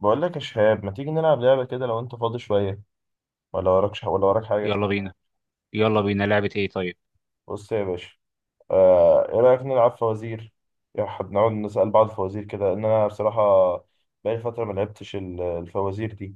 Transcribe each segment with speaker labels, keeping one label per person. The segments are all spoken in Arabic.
Speaker 1: بقول لك يا شهاب، ما تيجي نلعب لعبة كده لو انت فاضي شوية؟ ولا وراكش، ولا وراك حاجة؟
Speaker 2: يلا بينا. يلا بينا لعبة ايه؟ طيب،
Speaker 1: بص يا باشا. ايه رأيك نلعب فوازير؟ نقعد نسأل بعض فوازير كده، ان انا بصراحة بقالي فترة ما لعبتش الفوازير دي.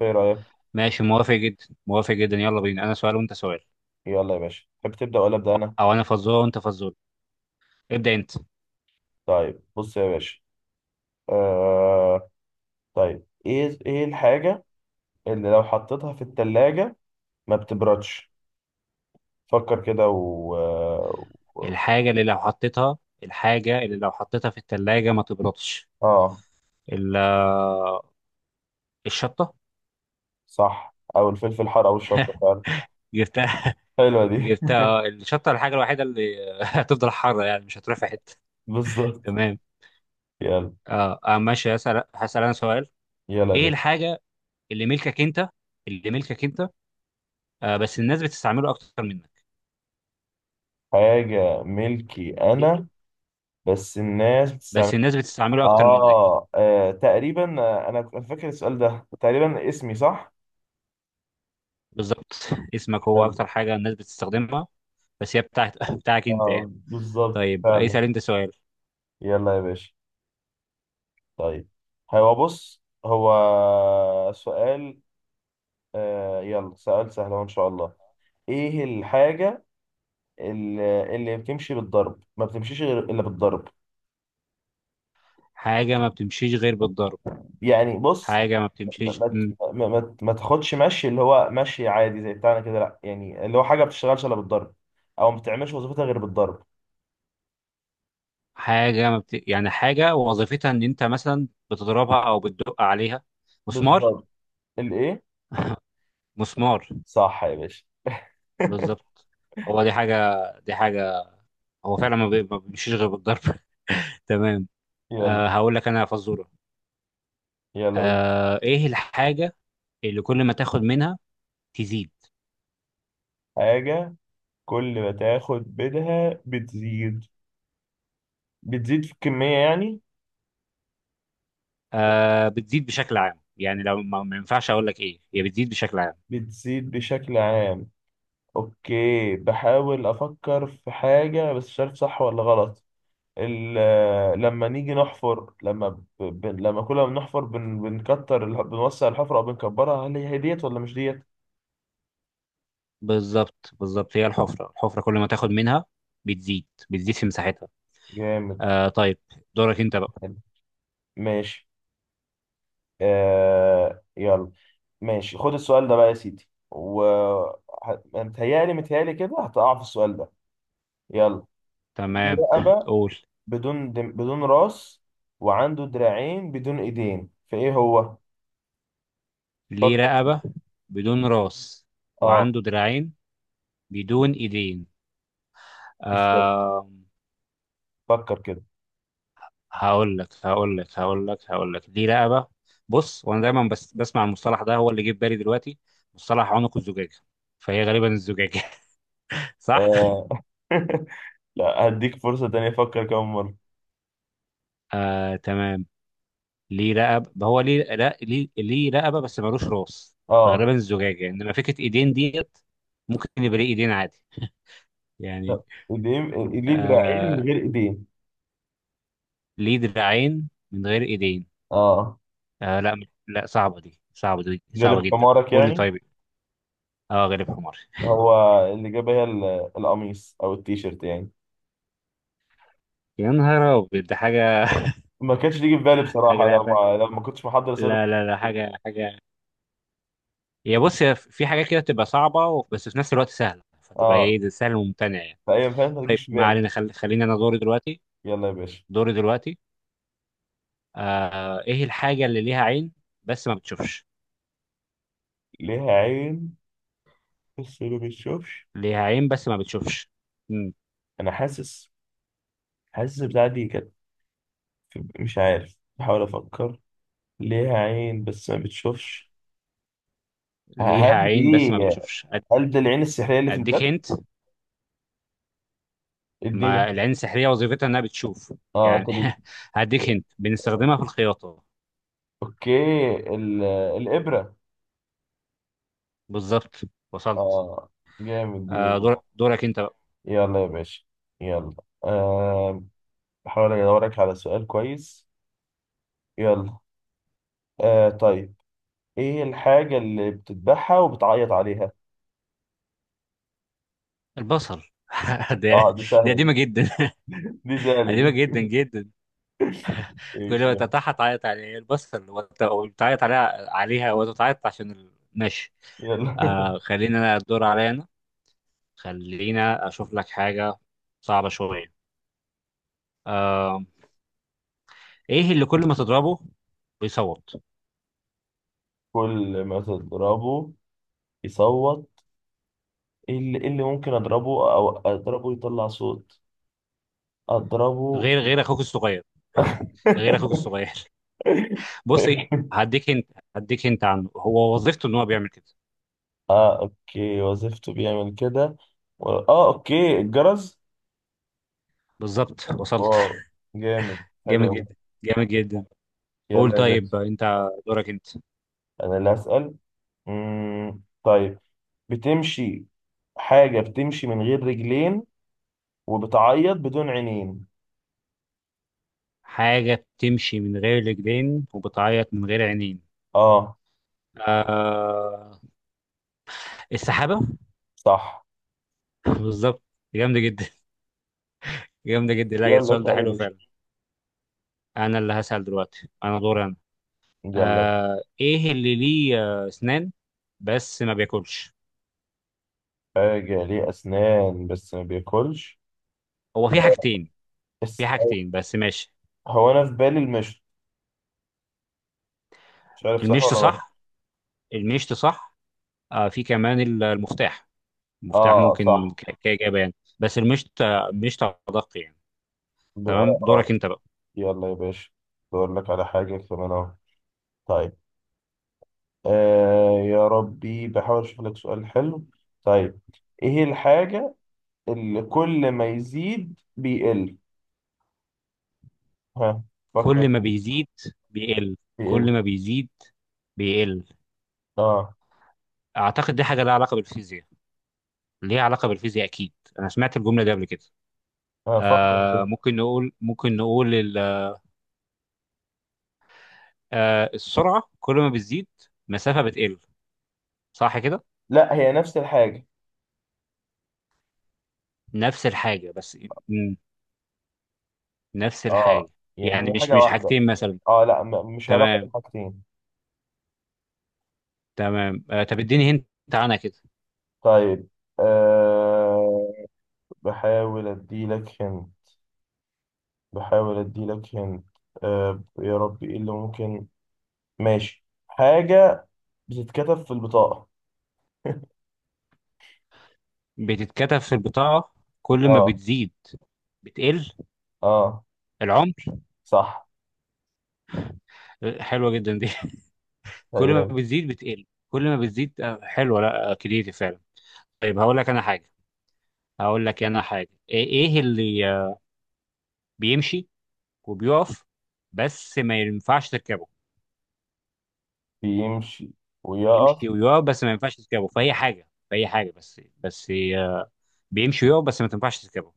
Speaker 1: ايه رأيك؟
Speaker 2: ماشي، موافق جدا موافق جدا، يلا بينا، انا سؤال وانت سؤال،
Speaker 1: يلا يا باشا، تحب تبدأ ولا أبدأ انا؟
Speaker 2: او انا فزورة وانت فزورة، ابدأ انت.
Speaker 1: طيب بص يا باشا. آه طيب، ايه الحاجة اللي لو حطيتها في التلاجة ما بتبردش؟ فكر كده
Speaker 2: الحاجة اللي لو حطيتها في التلاجة ما تبردش؟
Speaker 1: اه،
Speaker 2: ال- آه، الشطة.
Speaker 1: صح، او الفلفل الحار او الشطة فعلا.
Speaker 2: جبتها.
Speaker 1: حلوة دي.
Speaker 2: جبتها. الشطة الحاجة الوحيدة اللي هتفضل حارة يعني مش هتروح في حتة.
Speaker 1: بالظبط.
Speaker 2: تمام.
Speaker 1: يلا.
Speaker 2: ماشي، هسأل انا سؤال.
Speaker 1: يلا يا
Speaker 2: ايه
Speaker 1: باشا.
Speaker 2: الحاجة اللي ملكك انت اللي ملكك انت، آه بس الناس بتستعمله اكتر منك؟
Speaker 1: حاجة ملكي
Speaker 2: إيه؟
Speaker 1: أنا؟ بس الناس بتستعمل.
Speaker 2: بس الناس بتستعمله اكتر منك.
Speaker 1: تقريبا، أنا كنت فاكر السؤال ده تقريبا اسمي، صح؟
Speaker 2: بالظبط، اسمك هو
Speaker 1: حلو.
Speaker 2: اكتر حاجه الناس بتستخدمها، بس هي بتاعت بتاعك انت يعني.
Speaker 1: بالظبط
Speaker 2: طيب،
Speaker 1: فعلا.
Speaker 2: اسال انت سؤال.
Speaker 1: يلا يا باشا. طيب. هو سؤال. يلا، سؤال سهل أهو إن شاء الله. إيه الحاجة اللي بتمشي بالضرب، ما بتمشيش غير إلا بالضرب؟
Speaker 2: حاجه ما بتمشيش غير بالضرب؟
Speaker 1: يعني بص،
Speaker 2: حاجه ما
Speaker 1: ما
Speaker 2: بتمشيش،
Speaker 1: ما ما تاخدش مشي اللي هو مشي عادي زي بتاعنا كده، لا، يعني اللي هو حاجه ما بتشتغلش الا بالضرب، او ما بتعملش وظيفتها غير بالضرب.
Speaker 2: حاجه ما بت... يعني حاجه وظيفتها ان انت مثلا بتضربها او بتدق عليها. مسمار.
Speaker 1: بالضبط. الايه؟
Speaker 2: مسمار
Speaker 1: صح يا باشا.
Speaker 2: بالظبط. هو دي حاجه، دي حاجه، هو فعلا ما بيمشيش غير بالضرب. تمام.
Speaker 1: يلا.
Speaker 2: آه، هقول لك انا يا فزوره.
Speaker 1: يلا قول.
Speaker 2: آه، ايه الحاجه اللي كل ما تاخد منها تزيد؟
Speaker 1: حاجه كل ما تاخد منها بتزيد؟ بتزيد في الكميه يعني؟
Speaker 2: آه، بتزيد بشكل عام، يعني لو ما ينفعش اقول لك ايه هي، بتزيد بشكل عام.
Speaker 1: بتزيد بشكل عام. اوكي، بحاول افكر في حاجه بس مش عارف صح ولا غلط. لما نيجي نحفر، لما لما كل ما بنحفر بنكتر بنوسع الحفرة أو بنكبرها، هل هي ديت ولا مش ديت؟
Speaker 2: بالظبط بالظبط، هي الحفره، الحفره كل ما تاخد منها بتزيد، بتزيد في مساحتها.
Speaker 1: جامد.
Speaker 2: آه طيب، دورك انت بقى.
Speaker 1: حلو. ماشي. يلا. ماشي، خد السؤال ده بقى يا سيدي، متهيألي متهيألي كده هتقع في السؤال ده. يلا. دي
Speaker 2: تمام،
Speaker 1: رقبة
Speaker 2: قول.
Speaker 1: بدون راس، وعنده دراعين بدون ايدين، فايه هو؟
Speaker 2: ليه
Speaker 1: فكر.
Speaker 2: رقبه بدون راس
Speaker 1: اه،
Speaker 2: وعنده دراعين بدون ايدين.
Speaker 1: بالظبط.
Speaker 2: آه،
Speaker 1: فكر كده.
Speaker 2: هقول لك ليه رقبه. بص، وانا دايما بس بسمع المصطلح ده هو اللي جه في بالي دلوقتي، مصطلح عنق الزجاجه، فهي غالبا الزجاجه. صح.
Speaker 1: آه. لا، هديك فرصة تانية أفكر كمان مرة.
Speaker 2: آه تمام. ليه رقبة، ما هو ليه، لا ليه، ليه رقبة بس ملوش راس،
Speaker 1: اه،
Speaker 2: فغالبا الزجاجة، انما فكرة ايدين ديت ممكن يبقى ليه ايدين عادي يعني.
Speaker 1: طب، ايدين، ليه دراعين من
Speaker 2: آه،
Speaker 1: غير ايدين.
Speaker 2: ليه دراعين من غير ايدين؟
Speaker 1: اه،
Speaker 2: آه لا، لا صعبة دي
Speaker 1: غلب
Speaker 2: صعبة جدا،
Speaker 1: حمارك
Speaker 2: قول لي
Speaker 1: يعني.
Speaker 2: طيب. اه، غالب حمار.
Speaker 1: هو اللي جاب القميص او التيشيرت يعني.
Speaker 2: يا نهار ابيض، ده حاجة.
Speaker 1: ما كانش تيجي في بالي
Speaker 2: حاجة،
Speaker 1: بصراحة، لو ما لو ما كنتش محضر سادة.
Speaker 2: لا لا لا، حاجة. هي بص، هي في حاجة كده تبقى صعبة بس في نفس الوقت سهلة، فتبقى
Speaker 1: اه،
Speaker 2: ايه، ده سهل وممتنع يعني.
Speaker 1: فأي فعلا ما
Speaker 2: طيب
Speaker 1: تجيش في
Speaker 2: ما
Speaker 1: بالي.
Speaker 2: علينا، خليني انا دوري دلوقتي.
Speaker 1: يلا يا باشا.
Speaker 2: دوري دلوقتي آه، ايه الحاجة اللي ليها عين بس ما بتشوفش؟
Speaker 1: ليها عين بس ما بتشوفش؟
Speaker 2: ليها عين بس ما بتشوفش، مم.
Speaker 1: انا حاسس. حاسس البتاعة دي كانت مش عارف، بحاول افكر. ليها عين بس ما بتشوفش. هل
Speaker 2: ليها
Speaker 1: دي،
Speaker 2: عين بس ما بتشوفش.
Speaker 1: هل ده العين السحرية اللي في
Speaker 2: اديك
Speaker 1: الباب؟
Speaker 2: هنت.
Speaker 1: اديني.
Speaker 2: ما العين السحرية وظيفتها انها بتشوف
Speaker 1: اه،
Speaker 2: يعني.
Speaker 1: طب،
Speaker 2: هديك هنت، بنستخدمها في الخياطة.
Speaker 1: اوكي، ال... الابره.
Speaker 2: بالظبط، وصلت.
Speaker 1: اه، جامد دي.
Speaker 2: آه، دورك انت بقى.
Speaker 1: يلا يا باشا. يلا. آه بحاول ادورك على سؤال كويس. يلا. طيب، ايه الحاجه اللي بتذبحها وبتعيط عليها؟
Speaker 2: البصل. ده
Speaker 1: اه، دي
Speaker 2: دي
Speaker 1: سهله دي.
Speaker 2: قديمة جدا.
Speaker 1: دي سهله
Speaker 2: قديمة
Speaker 1: دي.
Speaker 2: جدا جدا. كل
Speaker 1: ايش
Speaker 2: ما
Speaker 1: ده؟
Speaker 2: تتعاطى تعيط عليه البصل، وتعيط عليها وتتعيط عشان ماشي.
Speaker 1: يلا.
Speaker 2: آه، خلينا انا الدور عليا أنا. خلينا اشوف لك حاجه صعبه شويه. آه، ايه اللي كل ما تضربه بيصوت؟
Speaker 1: كل ما تضربه يصوت؟ إيه اللي ممكن اضربه او اضربه يطلع صوت؟ اضربه.
Speaker 2: غير اخوك الصغير. غير اخوك الصغير. بص إيه، هديك انت، هديك انت عنه، هو وظيفته ان هو بيعمل كده.
Speaker 1: اه، اوكي، وظيفته بيعمل كده. اه، اوكي، الجرس.
Speaker 2: بالظبط، وصلت.
Speaker 1: واو. جامد. حلو
Speaker 2: جامد
Speaker 1: قوي.
Speaker 2: جدا جامد جدا. قول
Speaker 1: يلا يا باشا.
Speaker 2: طيب انت دورك انت.
Speaker 1: انا اللي هسأل. مم. طيب. بتمشي، حاجة بتمشي من غير رجلين وبتعيط بدون عينين.
Speaker 2: حاجه بتمشي من غير رجلين وبتعيط من غير عينين.
Speaker 1: اه،
Speaker 2: آه، السحابه.
Speaker 1: صح.
Speaker 2: بالظبط، جامده جدا، جامده جدا، لا
Speaker 1: يلا،
Speaker 2: السؤال ده
Speaker 1: اسأل يا
Speaker 2: حلو
Speaker 1: باشا.
Speaker 2: فعلا. انا اللي هسأل دلوقتي، انا دور انا.
Speaker 1: يلا.
Speaker 2: آه، ايه اللي ليه اسنان بس ما بياكلش؟
Speaker 1: حاجة ليه أسنان بس ما بياكلش؟
Speaker 2: هو في حاجتين،
Speaker 1: بس.
Speaker 2: في حاجتين بس ماشي.
Speaker 1: هو أنا في بالي المشط، مش عارف صح ولا
Speaker 2: المشط
Speaker 1: غلط.
Speaker 2: صح، المشط صح. آه، في كمان المفتاح، المفتاح
Speaker 1: اه،
Speaker 2: ممكن
Speaker 1: صح.
Speaker 2: كإجابة يعني، بس المشط، المشط أدق يعني.
Speaker 1: ب...
Speaker 2: تمام،
Speaker 1: اه
Speaker 2: دورك
Speaker 1: اه
Speaker 2: انت بقى.
Speaker 1: يلا يا باشا. بقول لك على حاجة كمان اهو. طيب. يا ربي، بحاول اشوف لك سؤال حلو. طيب. ايه الحاجة اللي كل ما يزيد بيقل؟ ها، فكر
Speaker 2: كل ما
Speaker 1: كده.
Speaker 2: بيزيد بيقل. كل
Speaker 1: بيقل.
Speaker 2: ما بيزيد بيقل.
Speaker 1: اه،
Speaker 2: اعتقد دي حاجة لها علاقة بالفيزياء، ليها علاقة بالفيزياء اكيد، انا سمعت الجملة دي قبل كده.
Speaker 1: ها، فكر كده.
Speaker 2: آه، ممكن نقول، آه، السرعة كل ما بتزيد، مسافة بتقل. صح كده؟
Speaker 1: لا، هي نفس الحاجة.
Speaker 2: نفس الحاجة بس، مم. نفس الحاجة.
Speaker 1: اه، يعني
Speaker 2: يعني
Speaker 1: هي
Speaker 2: مش
Speaker 1: حاجة
Speaker 2: مش
Speaker 1: واحدة.
Speaker 2: حاجتين مثلا.
Speaker 1: اه، لا، مش علاقة
Speaker 2: تمام،
Speaker 1: بالحاجتين.
Speaker 2: تمام. آه طب اديني هنت عنها كده.
Speaker 1: طيب. آه بحاول اديلك هن بحاول اديلك هن. يا ربي، ايه اللي ممكن؟ ماشي، حاجة بتتكتب في البطاقة.
Speaker 2: بتتكتب في البطاقة، كل ما
Speaker 1: اه.
Speaker 2: بتزيد بتقل.
Speaker 1: اه.
Speaker 2: العمر.
Speaker 1: صح.
Speaker 2: آه، حلوة جدا دي. كل ما
Speaker 1: هي
Speaker 2: بتزيد بتقل. كل ما بتزيد، آه حلوة، لا آه، كريتيف فعلا. طيب، هقول لك أنا حاجة. إيه اللي بيمشي وبيقف بس ما ينفعش تركبه؟
Speaker 1: بيمشي ويقف،
Speaker 2: بيمشي ويقف بس ما ينفعش تركبه في اي حاجه، في اي حاجه بس بس آه، بيمشي ويقف بس ما تنفعش تركبه.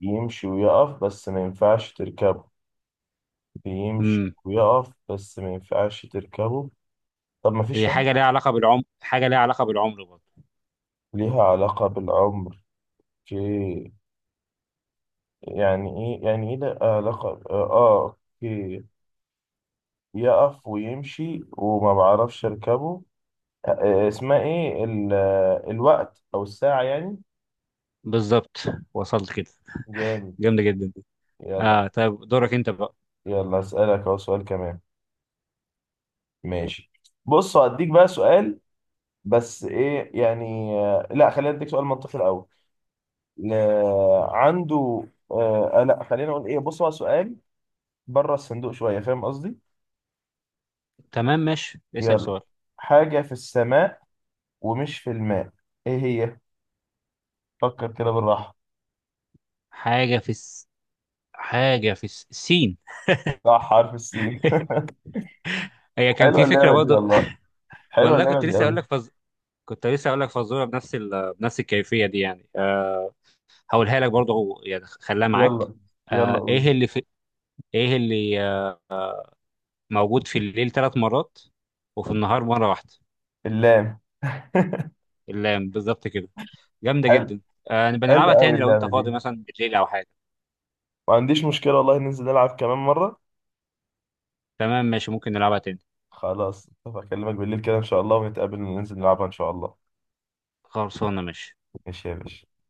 Speaker 1: يمشي ويقف بس ما ينفعش تركبه. بيمشي
Speaker 2: امم
Speaker 1: ويقف بس ما ينفعش تركبه. طب، ما فيش
Speaker 2: هي
Speaker 1: يعني.
Speaker 2: حاجه ليها علاقه بالعمر، حاجه ليها علاقه بالعمر برضه.
Speaker 1: ليها علاقة بالعمر؟ اوكي، يعني، ايه يعني ايه ده علاقة، اه، اوكي. يقف ويمشي وما بعرفش اركبه. اسمها ايه ال... آه، الوقت او الساعة يعني.
Speaker 2: بالظبط، وصلت كده،
Speaker 1: جامد.
Speaker 2: جامده جدا دي.
Speaker 1: يلا.
Speaker 2: اه طيب، دورك انت بقى.
Speaker 1: يلا اسألك اهو سؤال كمان. ماشي. بص، هديك بقى سؤال. بس ايه يعني، لا، خلينا اديك سؤال منطقي الاول. ل- عنده، لا، خلينا نقول ايه، بص هو سؤال بره الصندوق شويه، فاهم قصدي؟
Speaker 2: تمام ماشي، اسال
Speaker 1: يلا.
Speaker 2: سؤال.
Speaker 1: حاجه في السماء ومش في الماء، ايه هي؟ فكر كده بالراحه.
Speaker 2: حاجه في الس... حاجه في الس... السين.
Speaker 1: صح، حرف السين.
Speaker 2: هي كان
Speaker 1: حلوه
Speaker 2: في فكره
Speaker 1: اللعبه دي
Speaker 2: برضه.
Speaker 1: والله. حلوه
Speaker 2: والله
Speaker 1: اللعبه
Speaker 2: كنت
Speaker 1: دي
Speaker 2: لسه اقول
Speaker 1: قوي.
Speaker 2: لك فز... كنت لسه اقول لك فزوره بنفس بنفس الكيفيه دي يعني. آه، هقولها لك برضه هو يعني، خليها معاك.
Speaker 1: يلا. يلا
Speaker 2: آه،
Speaker 1: قول.
Speaker 2: ايه اللي موجود في الليل 3 مرات وفي النهار مرة واحدة؟
Speaker 1: اللام.
Speaker 2: اللام. بالظبط كده، جامدة
Speaker 1: حلو.
Speaker 2: جدا. آه، نبقى
Speaker 1: حلو
Speaker 2: نلعبها
Speaker 1: قوي
Speaker 2: تاني لو انت
Speaker 1: اللعبه دي.
Speaker 2: فاضي مثلا بالليل او حاجة.
Speaker 1: ما عنديش مشكله والله، ننزل نلعب كمان مره.
Speaker 2: تمام ماشي، ممكن نلعبها تاني.
Speaker 1: خلاص، اكلمك بالليل كده ان شاء الله، ونتقابل وننزل نلعبها ان شاء الله.
Speaker 2: خلصانة ماشي.
Speaker 1: ماشي يا باشا.